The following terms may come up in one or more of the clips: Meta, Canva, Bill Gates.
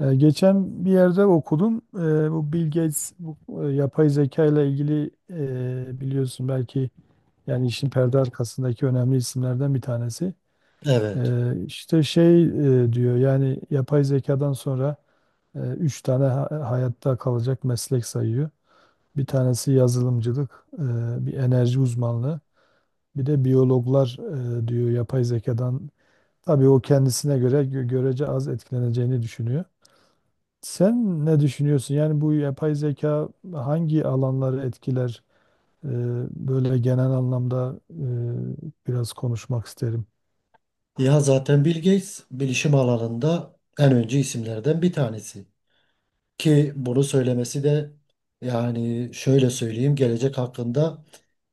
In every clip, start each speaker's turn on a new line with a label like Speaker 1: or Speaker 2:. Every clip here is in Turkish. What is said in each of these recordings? Speaker 1: Geçen bir yerde okudum. Bu Bill Gates, bu yapay zeka ile ilgili, biliyorsun belki, yani işin perde arkasındaki önemli isimlerden bir tanesi.
Speaker 2: Evet.
Speaker 1: İşte şey, diyor yani yapay zekadan sonra üç tane hayatta kalacak meslek sayıyor. Bir tanesi yazılımcılık, bir enerji uzmanlığı, bir de biyologlar, diyor yapay zekadan. Tabii o kendisine göre görece az etkileneceğini düşünüyor. Sen ne düşünüyorsun? Yani bu yapay zeka hangi alanları etkiler? Ee, Böyle genel anlamda biraz konuşmak isterim.
Speaker 2: Ya zaten Bill Gates bilişim alanında en öncü isimlerden bir tanesi. Ki bunu söylemesi de yani şöyle söyleyeyim gelecek hakkında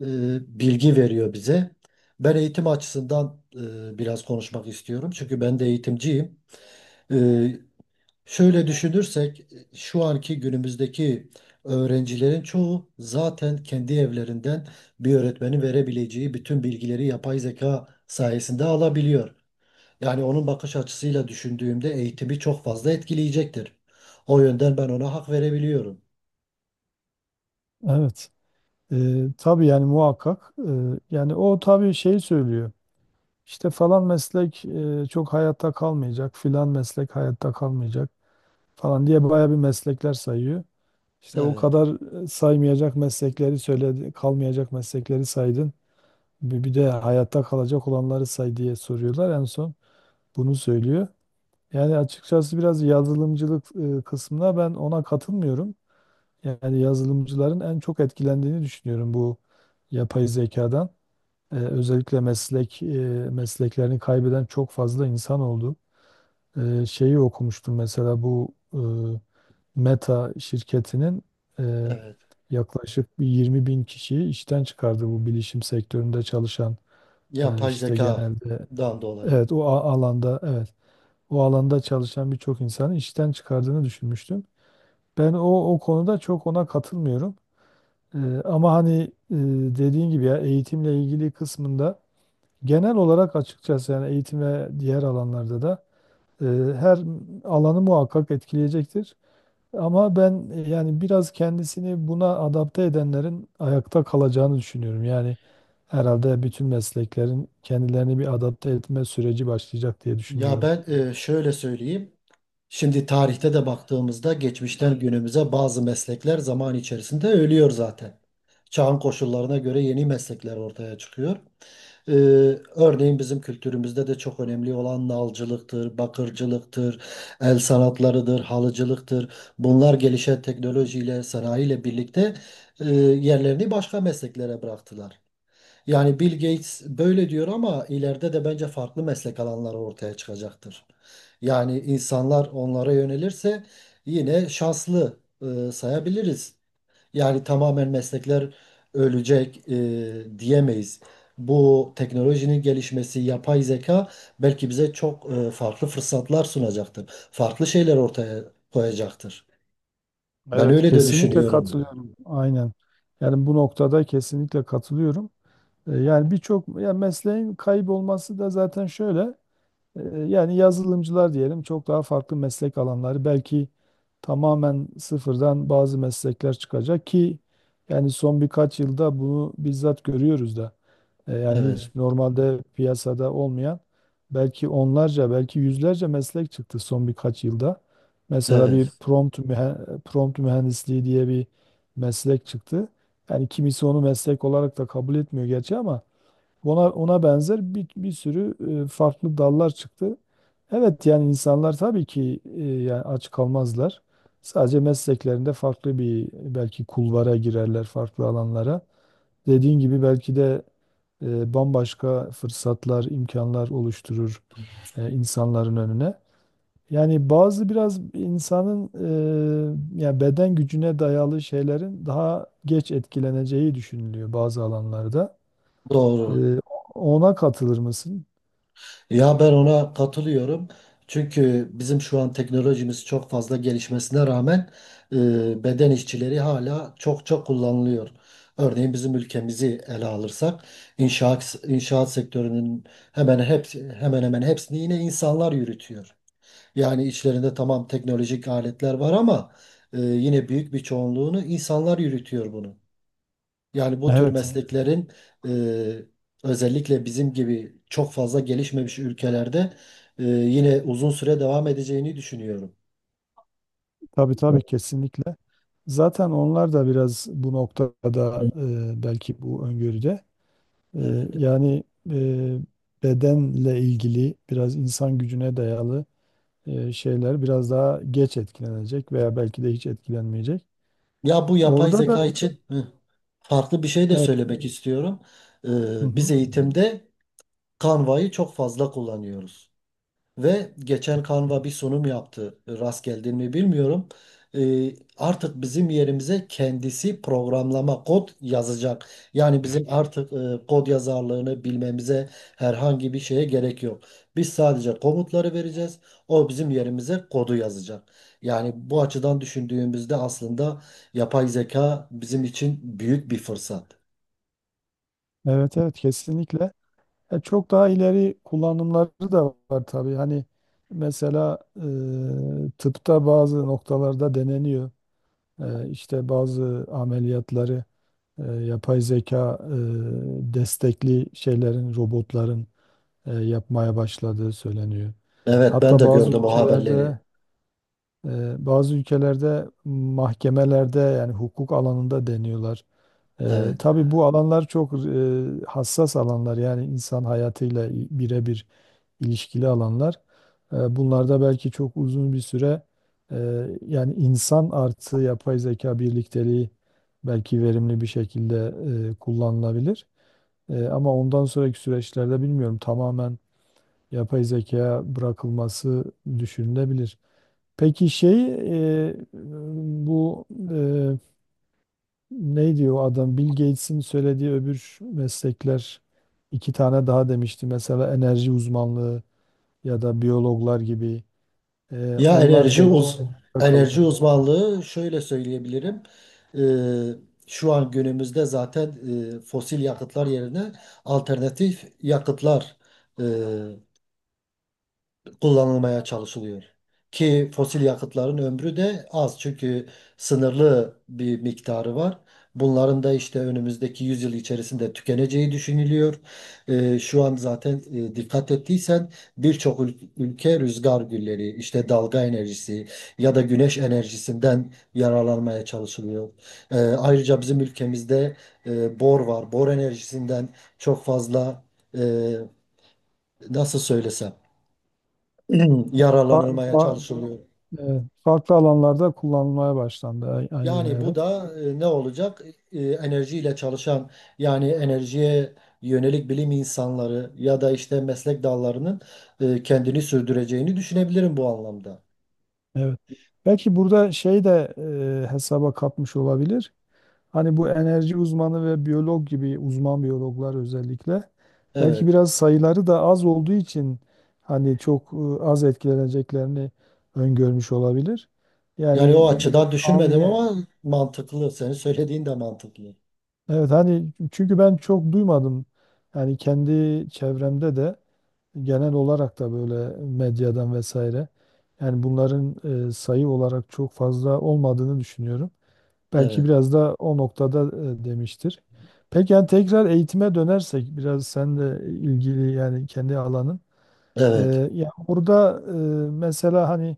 Speaker 2: e, bilgi veriyor bize. Ben eğitim açısından biraz konuşmak istiyorum. Çünkü ben de eğitimciyim. E, Şöyle düşünürsek şu anki günümüzdeki öğrencilerin çoğu zaten kendi evlerinden bir öğretmenin verebileceği bütün bilgileri yapay zeka sayesinde alabiliyor. Yani onun bakış açısıyla düşündüğümde eğitimi çok fazla etkileyecektir. O yönden ben ona hak verebiliyorum.
Speaker 1: Evet. Tabii yani muhakkak. Yani o tabii şey söylüyor. İşte falan meslek çok hayatta kalmayacak, filan meslek hayatta kalmayacak falan diye bayağı bir meslekler sayıyor. İşte o
Speaker 2: Evet,
Speaker 1: kadar saymayacak meslekleri söyledi, kalmayacak meslekleri saydın. Bir de hayatta kalacak olanları say diye soruyorlar. En son bunu söylüyor. Yani açıkçası biraz yazılımcılık kısmına ben ona katılmıyorum. Yani yazılımcıların en çok etkilendiğini düşünüyorum bu yapay zekadan. Özellikle mesleklerini kaybeden çok fazla insan oldu. Şeyi okumuştum mesela, bu Meta şirketinin e,
Speaker 2: evet.
Speaker 1: yaklaşık bir 20 bin kişiyi işten çıkardı, bu bilişim sektöründe çalışan,
Speaker 2: Yapay
Speaker 1: işte genelde,
Speaker 2: zekadan dolayı.
Speaker 1: evet, o alanda, evet, o alanda çalışan birçok insanı işten çıkardığını düşünmüştüm. Ben o konuda çok ona katılmıyorum. E, Ama hani, e, dediğin gibi ya eğitimle ilgili kısmında, genel olarak açıkçası, yani eğitim ve diğer alanlarda da e, her alanı muhakkak etkileyecektir. Ama ben, yani biraz kendisini buna adapte edenlerin ayakta kalacağını düşünüyorum. Yani herhalde bütün mesleklerin kendilerini bir adapte etme süreci başlayacak diye
Speaker 2: Ya
Speaker 1: düşünüyorum.
Speaker 2: ben şöyle söyleyeyim. Şimdi tarihte de baktığımızda geçmişten günümüze bazı meslekler zaman içerisinde ölüyor zaten. Çağın koşullarına göre yeni meslekler ortaya çıkıyor. Ee, Örneğin bizim kültürümüzde de çok önemli olan nalcılıktır, bakırcılıktır, el sanatlarıdır, halıcılıktır. Bunlar gelişen teknolojiyle, sanayiyle birlikte yerlerini başka mesleklere bıraktılar. Yani Bill Gates böyle diyor ama ileride de bence farklı meslek alanları ortaya çıkacaktır. Yani insanlar onlara yönelirse yine şanslı sayabiliriz. Yani tamamen meslekler ölecek diyemeyiz. Bu teknolojinin gelişmesi, yapay zeka belki bize çok farklı fırsatlar sunacaktır. Farklı şeyler ortaya koyacaktır. Ben
Speaker 1: Evet,
Speaker 2: öyle de
Speaker 1: kesinlikle
Speaker 2: düşünüyorum.
Speaker 1: katılıyorum. Aynen. Yani bu noktada kesinlikle katılıyorum. Yani birçok yani mesleğin kaybolması da zaten şöyle. E, Yani yazılımcılar diyelim, çok daha farklı meslek alanları, belki tamamen sıfırdan bazı meslekler çıkacak ki yani son birkaç yılda bunu bizzat görüyoruz da. Yani hiç
Speaker 2: Evet,
Speaker 1: normalde piyasada olmayan belki onlarca, belki yüzlerce meslek çıktı son birkaç yılda. Mesela bir
Speaker 2: evet,
Speaker 1: prompt mühendisliği diye bir meslek çıktı. Yani kimisi onu meslek olarak da kabul etmiyor gerçi ama ona benzer bir sürü farklı dallar çıktı. Evet, yani insanlar tabii ki yani aç kalmazlar. Sadece mesleklerinde farklı bir belki kulvara girerler, farklı alanlara. Dediğin gibi belki de bambaşka fırsatlar, imkanlar oluşturur insanların önüne. Yani bazı, biraz insanın yani beden gücüne dayalı şeylerin daha geç etkileneceği düşünülüyor bazı alanlarda. Ee,
Speaker 2: doğru.
Speaker 1: Ona katılır mısın?
Speaker 2: Ya ben ona katılıyorum. Çünkü bizim şu an teknolojimiz çok fazla gelişmesine rağmen beden işçileri hala çok çok kullanılıyor. Örneğin bizim ülkemizi ele alırsak inşaat sektörünün hemen hepsi hemen hemen hepsini yine insanlar yürütüyor. Yani içlerinde tamam teknolojik aletler var ama yine büyük bir çoğunluğunu insanlar yürütüyor bunu. Yani bu tür
Speaker 1: Evet,
Speaker 2: mesleklerin e, özellikle bizim gibi çok fazla gelişmemiş ülkelerde yine uzun süre devam edeceğini düşünüyorum.
Speaker 1: tabii tabii, kesinlikle. Zaten onlar da biraz bu noktada, belki bu öngörüde,
Speaker 2: Evet.
Speaker 1: yani e, bedenle ilgili, biraz insan gücüne dayalı şeyler biraz daha geç etkilenecek veya belki de hiç etkilenmeyecek.
Speaker 2: Ya bu yapay
Speaker 1: Orada da,
Speaker 2: zeka için farklı bir şey de
Speaker 1: evet,
Speaker 2: söylemek istiyorum.
Speaker 1: hı
Speaker 2: E, biz
Speaker 1: hı,
Speaker 2: eğitimde Canva'yı çok fazla kullanıyoruz. Ve geçen Canva bir sunum yaptı. Rast geldin mi bilmiyorum. Artık bizim yerimize kendisi programlama kod yazacak. Yani bizim artık kod yazarlığını bilmemize herhangi bir şeye gerek yok. Biz sadece komutları vereceğiz. O bizim yerimize kodu yazacak. Yani bu açıdan düşündüğümüzde aslında yapay zeka bizim için büyük bir fırsat.
Speaker 1: evet, evet, kesinlikle. Çok daha ileri kullanımları da var tabii. Hani mesela tıpta bazı noktalarda deneniyor. İşte bazı ameliyatları yapay zeka destekli şeylerin, robotların yapmaya başladığı söyleniyor.
Speaker 2: Evet, ben
Speaker 1: Hatta
Speaker 2: de gördüm o haberleri.
Speaker 1: bazı ülkelerde mahkemelerde, yani hukuk alanında deniyorlar.
Speaker 2: Evet.
Speaker 1: Tabii bu alanlar çok hassas alanlar, yani insan hayatıyla birebir ilişkili alanlar. Bunlarda belki çok uzun bir süre yani insan artı yapay zeka birlikteliği belki verimli bir şekilde kullanılabilir. Ama ondan sonraki süreçlerde bilmiyorum, tamamen yapay zekaya bırakılması düşünülebilir. Peki şey, e, bu e, ne diyor o adam, Bill Gates'in söylediği öbür meslekler iki tane daha demişti. Mesela enerji uzmanlığı ya da biyologlar gibi.
Speaker 2: Ya
Speaker 1: Onlar
Speaker 2: enerji
Speaker 1: demiş
Speaker 2: uz enerji
Speaker 1: kalacak.
Speaker 2: uzmanlığı şöyle söyleyebilirim. Ee, Şu an günümüzde zaten fosil yakıtlar yerine alternatif yakıtlar kullanılmaya çalışılıyor. Ki fosil yakıtların ömrü de az çünkü sınırlı bir miktarı var. Bunların da işte önümüzdeki yüzyıl içerisinde tükeneceği düşünülüyor. Şu an zaten dikkat ettiysen birçok ülke rüzgar gülleri, işte dalga enerjisi ya da güneş enerjisinden yararlanmaya çalışılıyor. Ayrıca bizim ülkemizde bor var. Bor enerjisinden çok fazla e, nasıl söylesem
Speaker 1: Evet,
Speaker 2: yaralanılmaya çalışılıyor.
Speaker 1: farklı alanlarda kullanılmaya başlandı. Aynen,
Speaker 2: Yani bu
Speaker 1: evet.
Speaker 2: da ne olacak? E, enerjiyle çalışan yani enerjiye yönelik bilim insanları ya da işte meslek dallarının kendini sürdüreceğini düşünebilirim bu anlamda.
Speaker 1: Evet. Belki burada şey de hesaba katmış olabilir. Hani bu enerji uzmanı ve biyolog gibi, uzman biyologlar özellikle, belki
Speaker 2: Evet.
Speaker 1: biraz sayıları da az olduğu için, hani çok az etkileneceklerini öngörmüş olabilir. Yani
Speaker 2: Yani o
Speaker 1: e,
Speaker 2: açıdan düşünmedim
Speaker 1: anlı
Speaker 2: ama mantıklı. Senin söylediğin de mantıklı.
Speaker 1: Evet, hani çünkü ben çok duymadım. Yani kendi çevremde de, genel olarak da, böyle medyadan vesaire, yani bunların sayı olarak çok fazla olmadığını düşünüyorum. Belki
Speaker 2: Evet.
Speaker 1: biraz da o noktada demiştir. Peki yani tekrar eğitime dönersek biraz, sen de ilgili yani, kendi alanın. E,
Speaker 2: Evet.
Speaker 1: Ya burada mesela hani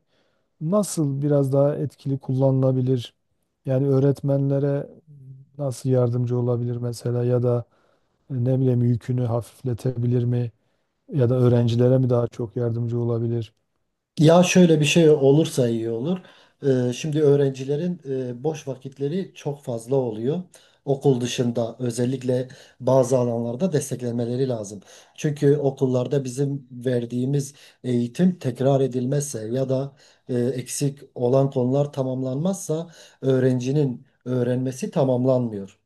Speaker 1: nasıl biraz daha etkili kullanılabilir? Yani öğretmenlere nasıl yardımcı olabilir mesela, ya da ne bileyim yükünü hafifletebilir mi? Ya da öğrencilere mi daha çok yardımcı olabilir?
Speaker 2: Ya şöyle bir şey olursa iyi olur. Şimdi öğrencilerin boş vakitleri çok fazla oluyor. Okul dışında özellikle bazı alanlarda desteklemeleri lazım. Çünkü okullarda bizim verdiğimiz eğitim tekrar edilmezse ya da eksik olan konular tamamlanmazsa öğrencinin öğrenmesi tamamlanmıyor.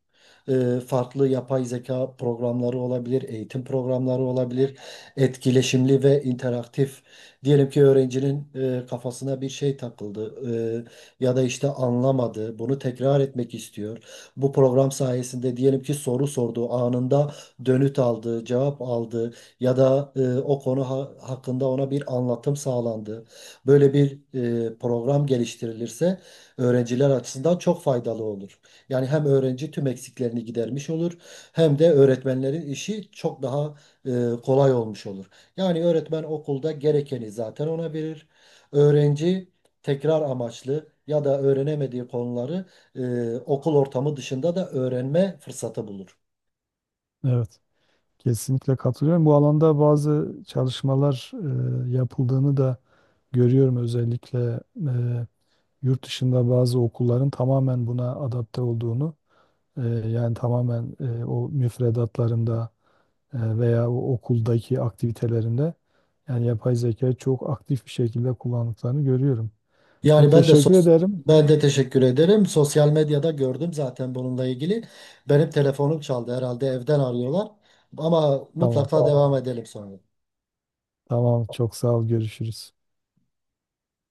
Speaker 2: Farklı yapay zeka programları olabilir, eğitim programları olabilir, etkileşimli ve interaktif. Diyelim ki öğrencinin kafasına bir şey takıldı, ya da işte anlamadı, bunu tekrar etmek istiyor. Bu program sayesinde diyelim ki soru sordu, anında dönüt aldı, cevap aldı ya da o konu hakkında ona bir anlatım sağlandı. Böyle bir program geliştirilirse öğrenciler açısından çok faydalı olur. Yani hem öğrenci tüm eksiklerini gidermiş olur hem de öğretmenlerin işi çok daha kolay olmuş olur. Yani öğretmen okulda gerekeni zaten ona verir. Öğrenci tekrar amaçlı ya da öğrenemediği konuları okul ortamı dışında da öğrenme fırsatı bulur.
Speaker 1: Evet, kesinlikle katılıyorum. Bu alanda bazı çalışmalar yapıldığını da görüyorum, özellikle e, yurt dışında bazı okulların tamamen buna adapte olduğunu, yani tamamen o müfredatlarında veya o okuldaki aktivitelerinde yani yapay zeka çok aktif bir şekilde kullandıklarını görüyorum. Çok
Speaker 2: Yani ben de
Speaker 1: teşekkür
Speaker 2: sos
Speaker 1: ederim.
Speaker 2: Ben de teşekkür ederim. Sosyal medyada gördüm zaten bununla ilgili. Benim telefonum çaldı herhalde evden arıyorlar. Ama mutlaka.
Speaker 1: Tamam,
Speaker 2: Tamam, devam edelim sonra.
Speaker 1: tamam. Çok sağ ol. Görüşürüz.